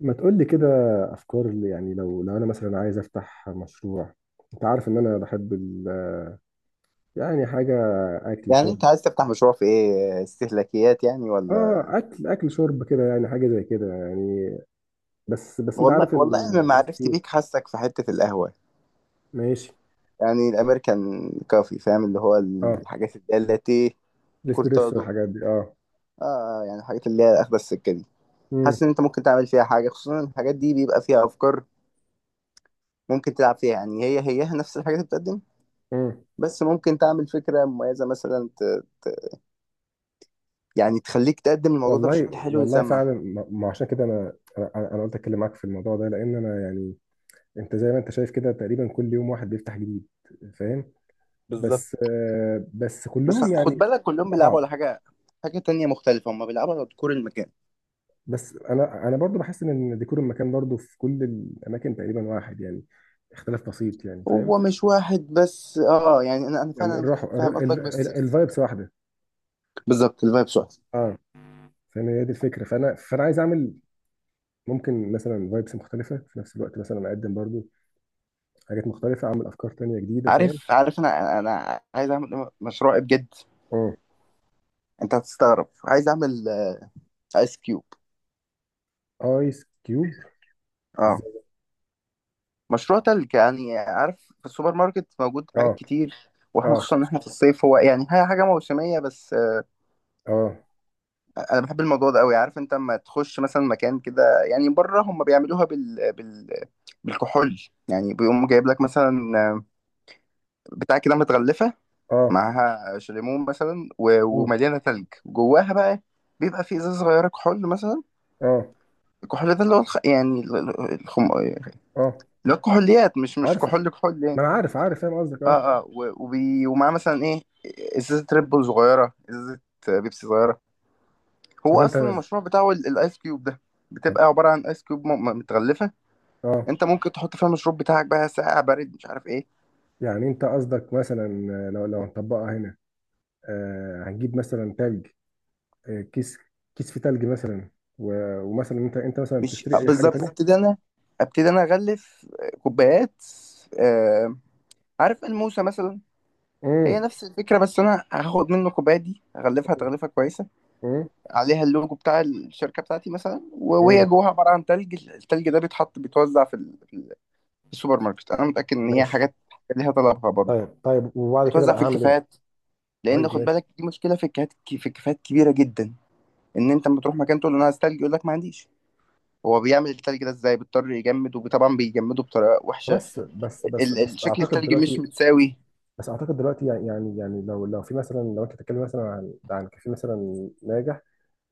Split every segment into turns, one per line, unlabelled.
ما تقول لي كده، افكار اللي يعني لو انا مثلا عايز افتح مشروع. انت عارف ان انا بحب ال... يعني حاجه، اكل
يعني
شرب.
انت عايز تفتح مشروع في ايه، استهلاكيات يعني
اه،
ولا؟
اكل شرب كده، يعني حاجه زي كده يعني. بس انت
والله
عارف
والله انا
ان
ما
ناس
عرفت
كتير.
بيك، حاسك في حتة القهوة.
ماشي.
يعني الامريكان كافي، فاهم اللي هو
اه،
الحاجات اللي هي اللاتيه،
الاسبريسو
كورتادو.
والحاجات دي. اه.
اه، يعني الحاجات اللي هي اخدة السكة دي.
امم.
حاسس ان انت ممكن تعمل فيها حاجة، خصوصا ان الحاجات دي بيبقى فيها افكار ممكن تلعب فيها. يعني هيها نفس الحاجات اللي بتقدم،
امم.
بس ممكن تعمل فكرة مميزة، مثلا يعني تخليك تقدم الموضوع ده
والله
بشكل حلو
والله
ويسمع.
فعلا، ما عشان كده انا انا أنا قلت اتكلم معاك في الموضوع ده، لان انا يعني انت زي ما انت شايف كده، تقريبا كل يوم واحد بيفتح جديد. فاهم؟
بالظبط.
بس بس
بس
كلهم
خد
يعني
بالك كلهم
شبه
بيلعبوا على
بعض.
حاجة، حاجة تانية مختلفة. هم بيلعبوا على ديكور المكان.
بس انا برضو بحس ان ديكور المكان برضو في كل الاماكن تقريبا واحد، يعني اختلاف بسيط، يعني فاهم؟
هو مش واحد بس، اه يعني انا
يعني
فعلا
الروح،
فاهم قصدك، بس
الفايبس واحده.
بالظبط الفايبس واحد.
اه. فاهم، هي دي الفكره. فانا عايز اعمل ممكن مثلا فايبس مختلفه في نفس الوقت، مثلا اقدم برضو حاجات مختلفه، اعمل افكار تانية جديده. فاهم؟
عارف، انا عايز اعمل مشروع إيه بجد.
اه،
انت هتستغرب، عايز اعمل ايس كيوب.
ايس كيوب.
اه،
ازاي؟
مشروع تلج. يعني عارف في السوبر ماركت موجود حاجات
اه.
كتير، واحنا
اه.
خصوصا ان احنا في الصيف. هو يعني هي حاجه موسميه، بس
اه.
انا بحب الموضوع ده قوي. عارف انت لما تخش مثلا مكان كده، يعني بره هم بيعملوها بالكحول. يعني بيقوم جايب لك مثلا، آه، بتاع كده متغلفه،
اه.
معاها شليمون مثلا
اه.
ومليانه تلج جواها بقى. بيبقى في ازازه صغيره كحول مثلا،
اه.
الكحول ده اللي هو الخ... يعني ال- ال- الخم... اللي
اه.
هو الكحوليات. مش
عارفه.
كحول كحول يعني.
ما انا عارف عارف فاهم قصدك. اه.
اه، ومعاه مثلا ايه، ازازه ريد بول صغيره، ازازه بيبسي صغيره. هو
طب انت.
اصلا المشروع بتاعه الايس كيوب ده،
طب
بتبقى عباره عن ايس كيوب متغلفه،
اه،
انت ممكن تحط فيها المشروب بتاعك بقى ساقع بارد مش عارف ايه.
يعني انت قصدك مثلا لو هنطبقها هنا، هتجيب مثلا تلج، كيس، كيس في تلج مثلا. ومثلا انت مثلا
مش
بتشتري اي حاجه
بالظبط.
تانية.
ابتدي انا، ابتدي انا اغلف كوبايات. آه، عارف الموسى مثلا، هي
امم.
نفس الفكرة. بس أنا هاخد منه كوباية دي أغلفها تغليفة كويسة،
امم.
عليها اللوجو بتاع الشركة بتاعتي مثلا، وهي
امم.
جواها عبارة عن تلج. التلج ده بيتحط، بيتوزع في السوبر ماركت. أنا متأكد إن هي
ماشي.
حاجات ليها طلبها برضه.
طيب طيب، وبعد كده
بيتوزع
بقى
في
هعمل ايه؟
الكافيهات، لأن
طيب
خد
ماشي.
بالك دي مشكلة في الكافيهات. كبيرة جدا، إن أنت لما تروح مكان تقول له أنا عايز تلج يقول لك ما عنديش. هو بيعمل التلج ده إزاي؟ بيضطر يجمد، وطبعا بيجمده بطريقة وحشة.
بس بس بس بس
شكل
اعتقد
التلج مش
دلوقتي.
متساوي.
بس اعتقد دلوقتي يعني يعني لو في مثلا، لو انت بتتكلم مثلا عن كافيه مثلا ناجح،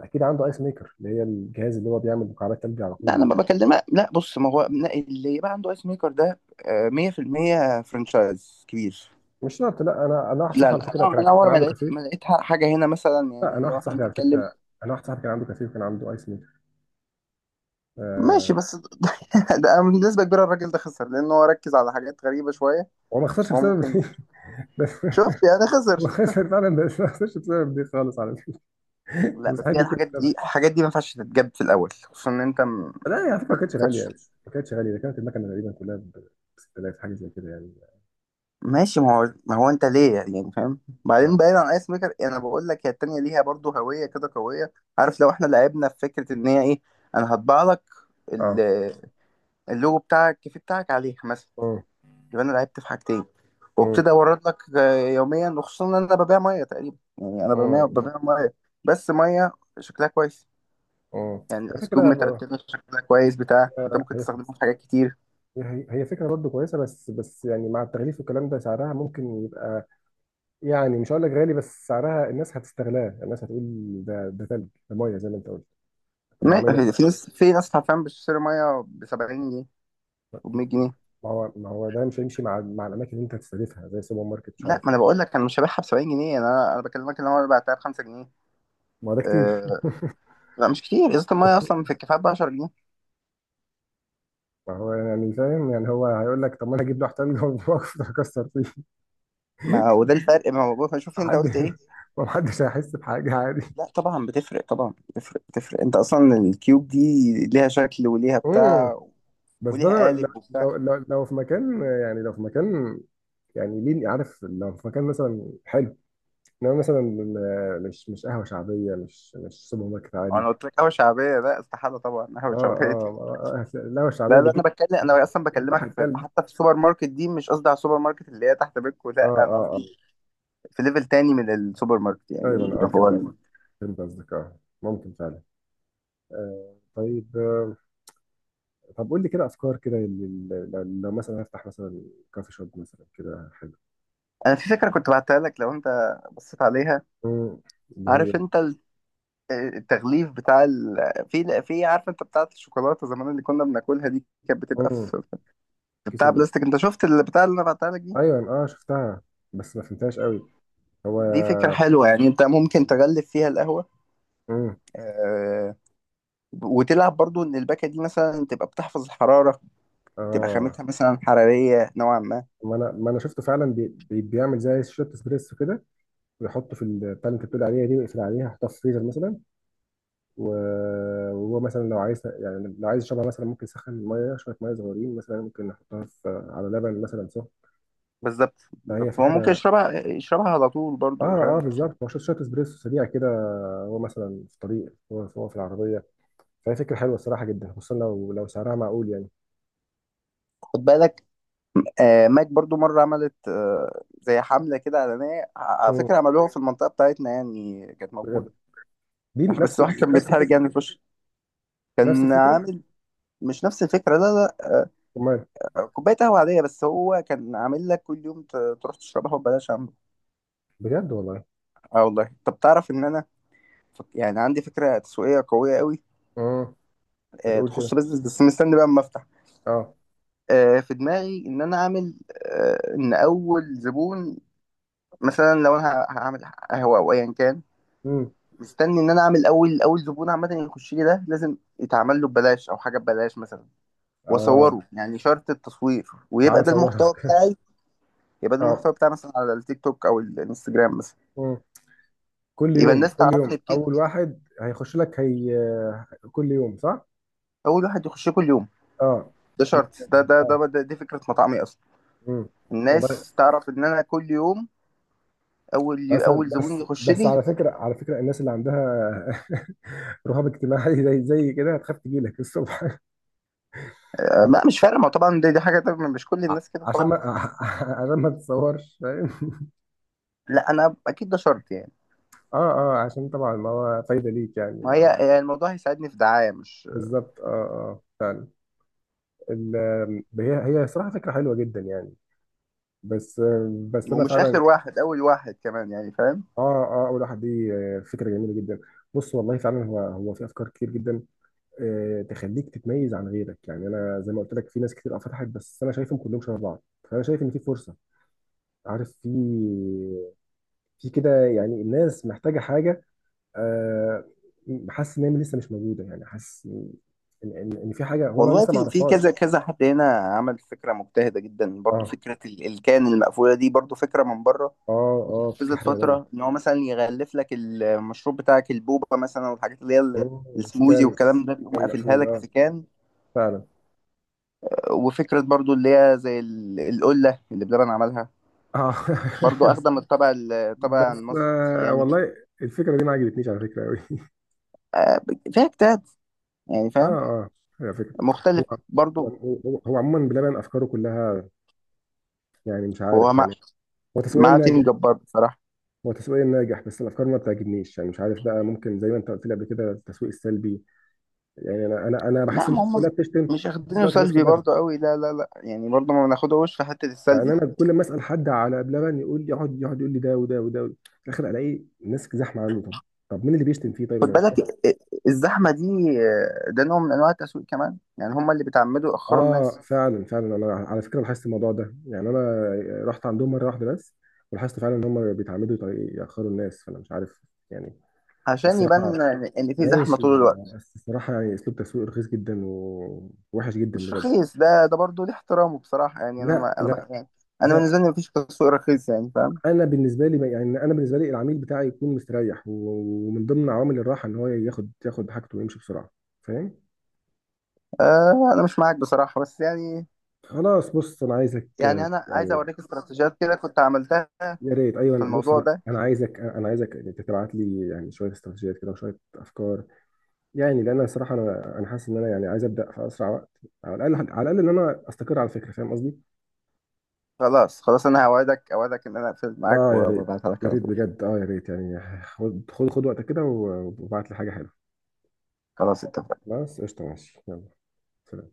اكيد عنده ايس ميكر، اللي هي الجهاز اللي هو بيعمل مكعبات ثلج على
لا
طول
انا
ده.
ما بكلمك. لا بص، ما هو لا، اللي يبقى عنده ايس ميكر ده 100% فرانشايز كبير.
مش شرط، لا انا واحد
لا
صاحبي على
لا،
فكره
انا
كان
انا
كان
اول ما
عنده
لقيت
كافيه.
حاجه هنا مثلا،
لا، انا
يعني لو
واحد
احنا
صاحبي على
بنتكلم.
فكره، انا واحد صاحبي كان عنده كافيه وكان عنده ايس ميكر.
ماشي،
آه.
بس ده، ده بنسبه كبيره الراجل ده خسر، لان هو ركز على حاجات غريبه شويه.
هو ما خسرش
هو
بسبب
ممكن،
دي بس.
شفت يعني
هو
خسر.
خسر فعلا بس ما خسرش بسبب دي خالص على فكره.
لا بس
مستحيل
هي
دي كنت
الحاجات دي
سبب.
الحاجات دي ما ينفعش تتجاب في الاول، خصوصا ان انت
لا، هي على فكره
ما
ما كانتش غاليه،
بتكسبش.
مش ما كانتش غاليه، ده كانت المكنه تقريبا كلها ب 6000 حاجه زي كده يعني.
ماشي. ما هو انت ليه يعني فاهم؟ بعدين
اه.
بعيد عن ايس ميكر، انا بقول لك هي التانية ليها برضو هوية كده قوية. عارف لو احنا لعبنا في فكرة ان هي ايه، انا هطبع لك
اه.
ال- اللوجو بتاعك، الكيف بتاعك عليها مثلا.
اه.
يبقى انا لعبت في حاجتين.
اه.
وابتدي اورد لك يوميا، وخصوصا ان انا ببيع 100 تقريبا. يعني انا ببيع
اه.
ببيع 100. بس 100 شكلها كويس.
اه.
يعني
هي
الايس كوب
فكره ب-،
مترتبة شكلها كويس بتاع، انت ممكن
هي،
تستخدمه في حاجات كتير.
هي فكره برضه كويسه، بس يعني مع التغليف والكلام ده سعرها ممكن يبقى، يعني مش هقول لك غالي، بس سعرها الناس هتستغلاه. الناس هتقول ده ثلج، ده ميه زي ما انت قلت. طب ما
ما-
اعمله.
في ناس حرفيا بتشتري مية ب 70 جنيه وب 100 جنيه.
ما هو ده مش هيمشي مع الاماكن اللي انت هتستهدفها زي سوبر ماركت، مش
لا،
عارف
ما
ايه.
انا بقول لك انا مش هبيعها ب 70 جنيه. انا بكلمك ان انا بعتها ب 5 جنيه.
ما هو ده كتير.
أه. لا مش كتير، ازازه الميه اصلا في الكفايه ب 10 جنيه.
ما هو، يعني فاهم، يعني هو هيقول لك طب ما انا هجيب لوح تلج واكسر فيه.
ما وده الفرق. ما هو شوف انت
حد.
قلت ايه.
ما حدش هيحس بحاجه، عادي.
لا طبعا بتفرق، طبعا بتفرق، انت اصلا الكيوب دي ليها شكل وليها
امم.
بتاع،
بس ده
وليها
لو.
قالب وبتاع.
لو في مكان، يعني لو في مكان، يعني ليه؟ عارف لو في مكان مثلا حلو، انما مثلا مش قهوه شعبيه، مش سوبر ماركت عادي.
انا قلت لك قهوه شعبيه؟ لا استحاله طبعا
اه.
قهوه شعبيه.
اه. آه. آه. القهوه الشعبيه
لا لا،
بتجيب
انا بتكلم، انا اصلا
لوح
بكلمك في
التلج.
حتى في السوبر ماركت دي. مش قصدي على السوبر ماركت اللي هي تحت بيتكو،
اه.
لا انا
اه. آه.
قصدي في ليفل تاني من السوبر ماركت يعني،
دايما، اه
اللي
فهمت
هو…
قصدك. فهمت قصدك، اه، ممكن فعلا. آه، طيب، آه. طب قول لي كده افكار كده لل-، لل-، لو مثلا هفتح مثلا كافي شوب مثلا كده حلو.
انا في فكره كنت بعتها لك، لو انت بصيت عليها.
مم، اللي هي.
عارف انت التغليف بتاع في، عارف انت بتاعه الشوكولاته زمان اللي كنا بناكلها دي؟ كانت بتبقى
مم،
في
كيس
بتاع
ال...
بلاستيك. انت شفت البتاع اللي انا بعتها لك دي،
ايوه، اه شفتها، بس ما فهمتهاش قوي. هو.
دي فكره حلوه. يعني انت ممكن تغلف فيها القهوه،
مم.
آه... وتلعب برضو ان الباكه دي مثلا تبقى بتحفظ الحراره، تبقى
اه،
خامتها مثلا حراريه نوعا ما.
ما انا شفته فعلا بي... بي- بيعمل زي شوت اسبريسو كده، ويحطه في ال-، بتاع اللي انت بتقول عليها دي، ويقفل عليها، يحطها في الفريزر مثلا. وهو مثلا لو عايز، يعني لو عايز يشربها مثلا، ممكن يسخن الميه شويه، ميه صغيرين مثلا، ممكن نحطها في على لبن مثلا سخن.
بالظبط
فهي
بالظبط، هو ممكن
فكره.
يشربها على طول برضو
اه، اه
فاهم.
بالظبط. هو شويه شوية اسبريسو سريع كده، هو مثلا في الطريق، هو في العربيه. فهي فكره حلوه الصراحه جدا، خصوصا لو سعرها معقول يعني.
خد بالك ماك برضو مرة عملت، زي حملة كده إعلانية، على
مم.
فكرة عملوها في المنطقة بتاعتنا، يعني كانت
بجد؟
موجودة.
دي
بس
نفس،
واحد كان
نفس
بيتحرج
الفكره،
يعني في وشه.
نفس
كان
الفكره.
عامل… مش نفس الفكرة لا.
امال.
لا، كوباية قهوة عادية، بس هو كان عامل لك كل يوم تروح تشربها وببلاش عم.
بجد والله.
اه والله. طب تعرف إن أنا يعني عندي فكرة تسويقية قوية قوي،
امم. ما تقول كده.
تخص بيزنس، بس مستني بقى أما أفتح.
اه.
في دماغي إن أنا أعمل، إن أول زبون، مثلا لو أنا هعمل قهوة أو أيا كان،
امم.
مستني ان انا اعمل اول زبون عامه يخش لي ده لازم يتعمل له ببلاش، او حاجه ببلاش مثلا،
اه.
واصوره يعني شرط التصوير، ويبقى
تعالى
ده
صورها
المحتوى بتاعي. يبقى ده المحتوى
اه.
بتاعي مثلا على التيك توك او الانستجرام مثلا.
مم. كل
يبقى
يوم،
الناس
كل يوم
تعرفني بكده،
اول واحد هيخش لك هي. كل يوم صح؟
اول واحد يخش كل يوم.
اه.
ده شرط، ده ده
اه.
ده, ده دي فكره مطعمي اصلا.
امم. والله.
الناس تعرف ان انا كل يوم اول
بس.
اول زبون
بس
يخش
بس
لي.
على فكره، على فكره الناس اللي عندها رهاب اجتماعي، زي كده هتخاف تجي لك الصبح.
ما
عشان.
مش فارق. ما طبعا دي حاجه، ده مش كل الناس كده
عشان
طبعا.
ما عشان ما تتصورش فاهم؟
لا انا اكيد ده شرط يعني.
اه. اه. عشان طبعا ما هو فايده ليك، يعني
ما
ما
هي
هو-.
هي الموضوع هيساعدني في دعايه، مش،
بالظبط، اه، اه، فعلا. ال-، هي صراحه فكره حلوه جدا يعني. بس. بس انا
ومش
فعلا.
اخر واحد، اول واحد كمان يعني فاهم.
اه. اه. اول واحد دي فكره جميله جدا. بص والله فعلا، هو في افكار كتير جدا، تخليك تتميز عن غيرك. يعني انا زي ما قلت لك في ناس كتير أه فتحت، بس انا شايفهم كلهم شبه بعض. فانا شايف ان في فرصه. عارف، في، في كده، يعني الناس محتاجه حاجه، آه، حاسس ان هي لسه مش موجوده، يعني حاسس ان إن في حاجه هو انا
والله
لسه ما
في كذا
اعرفهاش.
كذا حد هنا عمل فكره مجتهده جدا. برضو
اه.
فكره الكان المقفوله دي برضو فكره من بره،
اه. اه، فكره
واتنفذت
حلوه والله.
فتره، ان هو مثلا يغلف لك المشروب بتاعك، البوبا مثلا، والحاجات اللي هي
مم،
السموزي
كان.
والكلام ده، بيقوم
كان
قافلها
مقفول،
لك
اه.
في كان.
فعلا.
وفكره برضو اللي هي زي القله اللي بلبن عملها،
اه.
برضو اخدة من الطابع
بس
المصري يعني.
والله الفكره دي ما عجبتنيش على فكره قوي.
آه، فيها اجتهاد يعني
اه.
فاهم،
اه. هي فكرة. هو.
مختلف برضو.
يعني. هو عموما بلبن افكاره كلها، يعني مش
هو
عارف
مع،
يعني. هو تسويق
مع
ناجح.
تيم جبار بصراحه.
هو تسويق ناجح بس الافكار ما بتعجبنيش، يعني مش عارف بقى، ممكن زي ما انت قلت لي قبل كده، التسويق السلبي. يعني انا
لا
بحس
ما
الناس
هم
كلها بتشتم في
مش
نفس
اخدينه
الوقت، الناس
سلبي
كلها
برضه قوي. لا لا لا، يعني برضه ما بناخدهوش في حتة
يعني.
السلبي.
انا كل ما اسال حد على بلبن يقول لي، يقعد يقول لي ده وده وده وده. في الاخر الاقي الناس زحمه عنده. طب، طب مين اللي بيشتم فيه طيب؟
خد
انا مش.
بالك الزحمة دي ده نوع من انواع التسويق كمان. يعني هم اللي بيتعمدوا يأخروا
اه،
الناس
فعلا فعلا، انا على فكره لاحظت الموضوع ده، يعني انا رحت عندهم مره واحده بس، ولاحظت فعلا ان هم بيتعمدوا يط- ياخروا الناس، فانا مش عارف يعني.
عشان
الصراحه.
يبان إن في زحمة
ماشي.
طول الوقت.
بس الصراحه يعني اسلوب تسويق رخيص جدا ووحش جدا
مش
بجد.
رخيص. ده برضه ليه احترامه بصراحة. يعني انا
لا،
ما انا
لا،
بح يعني انا بالنسبة
لا.
لي مفيش تسويق رخيص، يعني فاهم.
انا بالنسبه لي العميل بتاعي يكون مستريح، ومن ضمن عوامل الراحه ان هو ياخد حاجته ويمشي بسرعه. فاهم؟
آه، انا مش معاك بصراحة بس يعني،
خلاص، بص انا عايزك
يعني انا عايز
يعني.
اوريك استراتيجيات كده كنت عملتها
يا ريت،
في
ايوه، بص
الموضوع
انا
ده.
انا عايزك، تبعت لي يعني شويه استراتيجيات كده وشويه افكار. يعني لان انا الصراحه انا حاسس ان انا يعني عايز ابدا في اسرع وقت، على الاقل على الاقل ان انا استقر على فكره. فاهم قصدي؟
خلاص خلاص، انا هوعدك، ان انا اقفل معاك
اه يا ريت.
وابعتها لك
يا
على
ريت
طول.
بجد، اه يا ريت، يعني خد خد خد وقتك كده، وابعت لي حاجه حلوه.
خلاص اتفقنا.
خلاص قشطه، ماشي، يلا، سلام.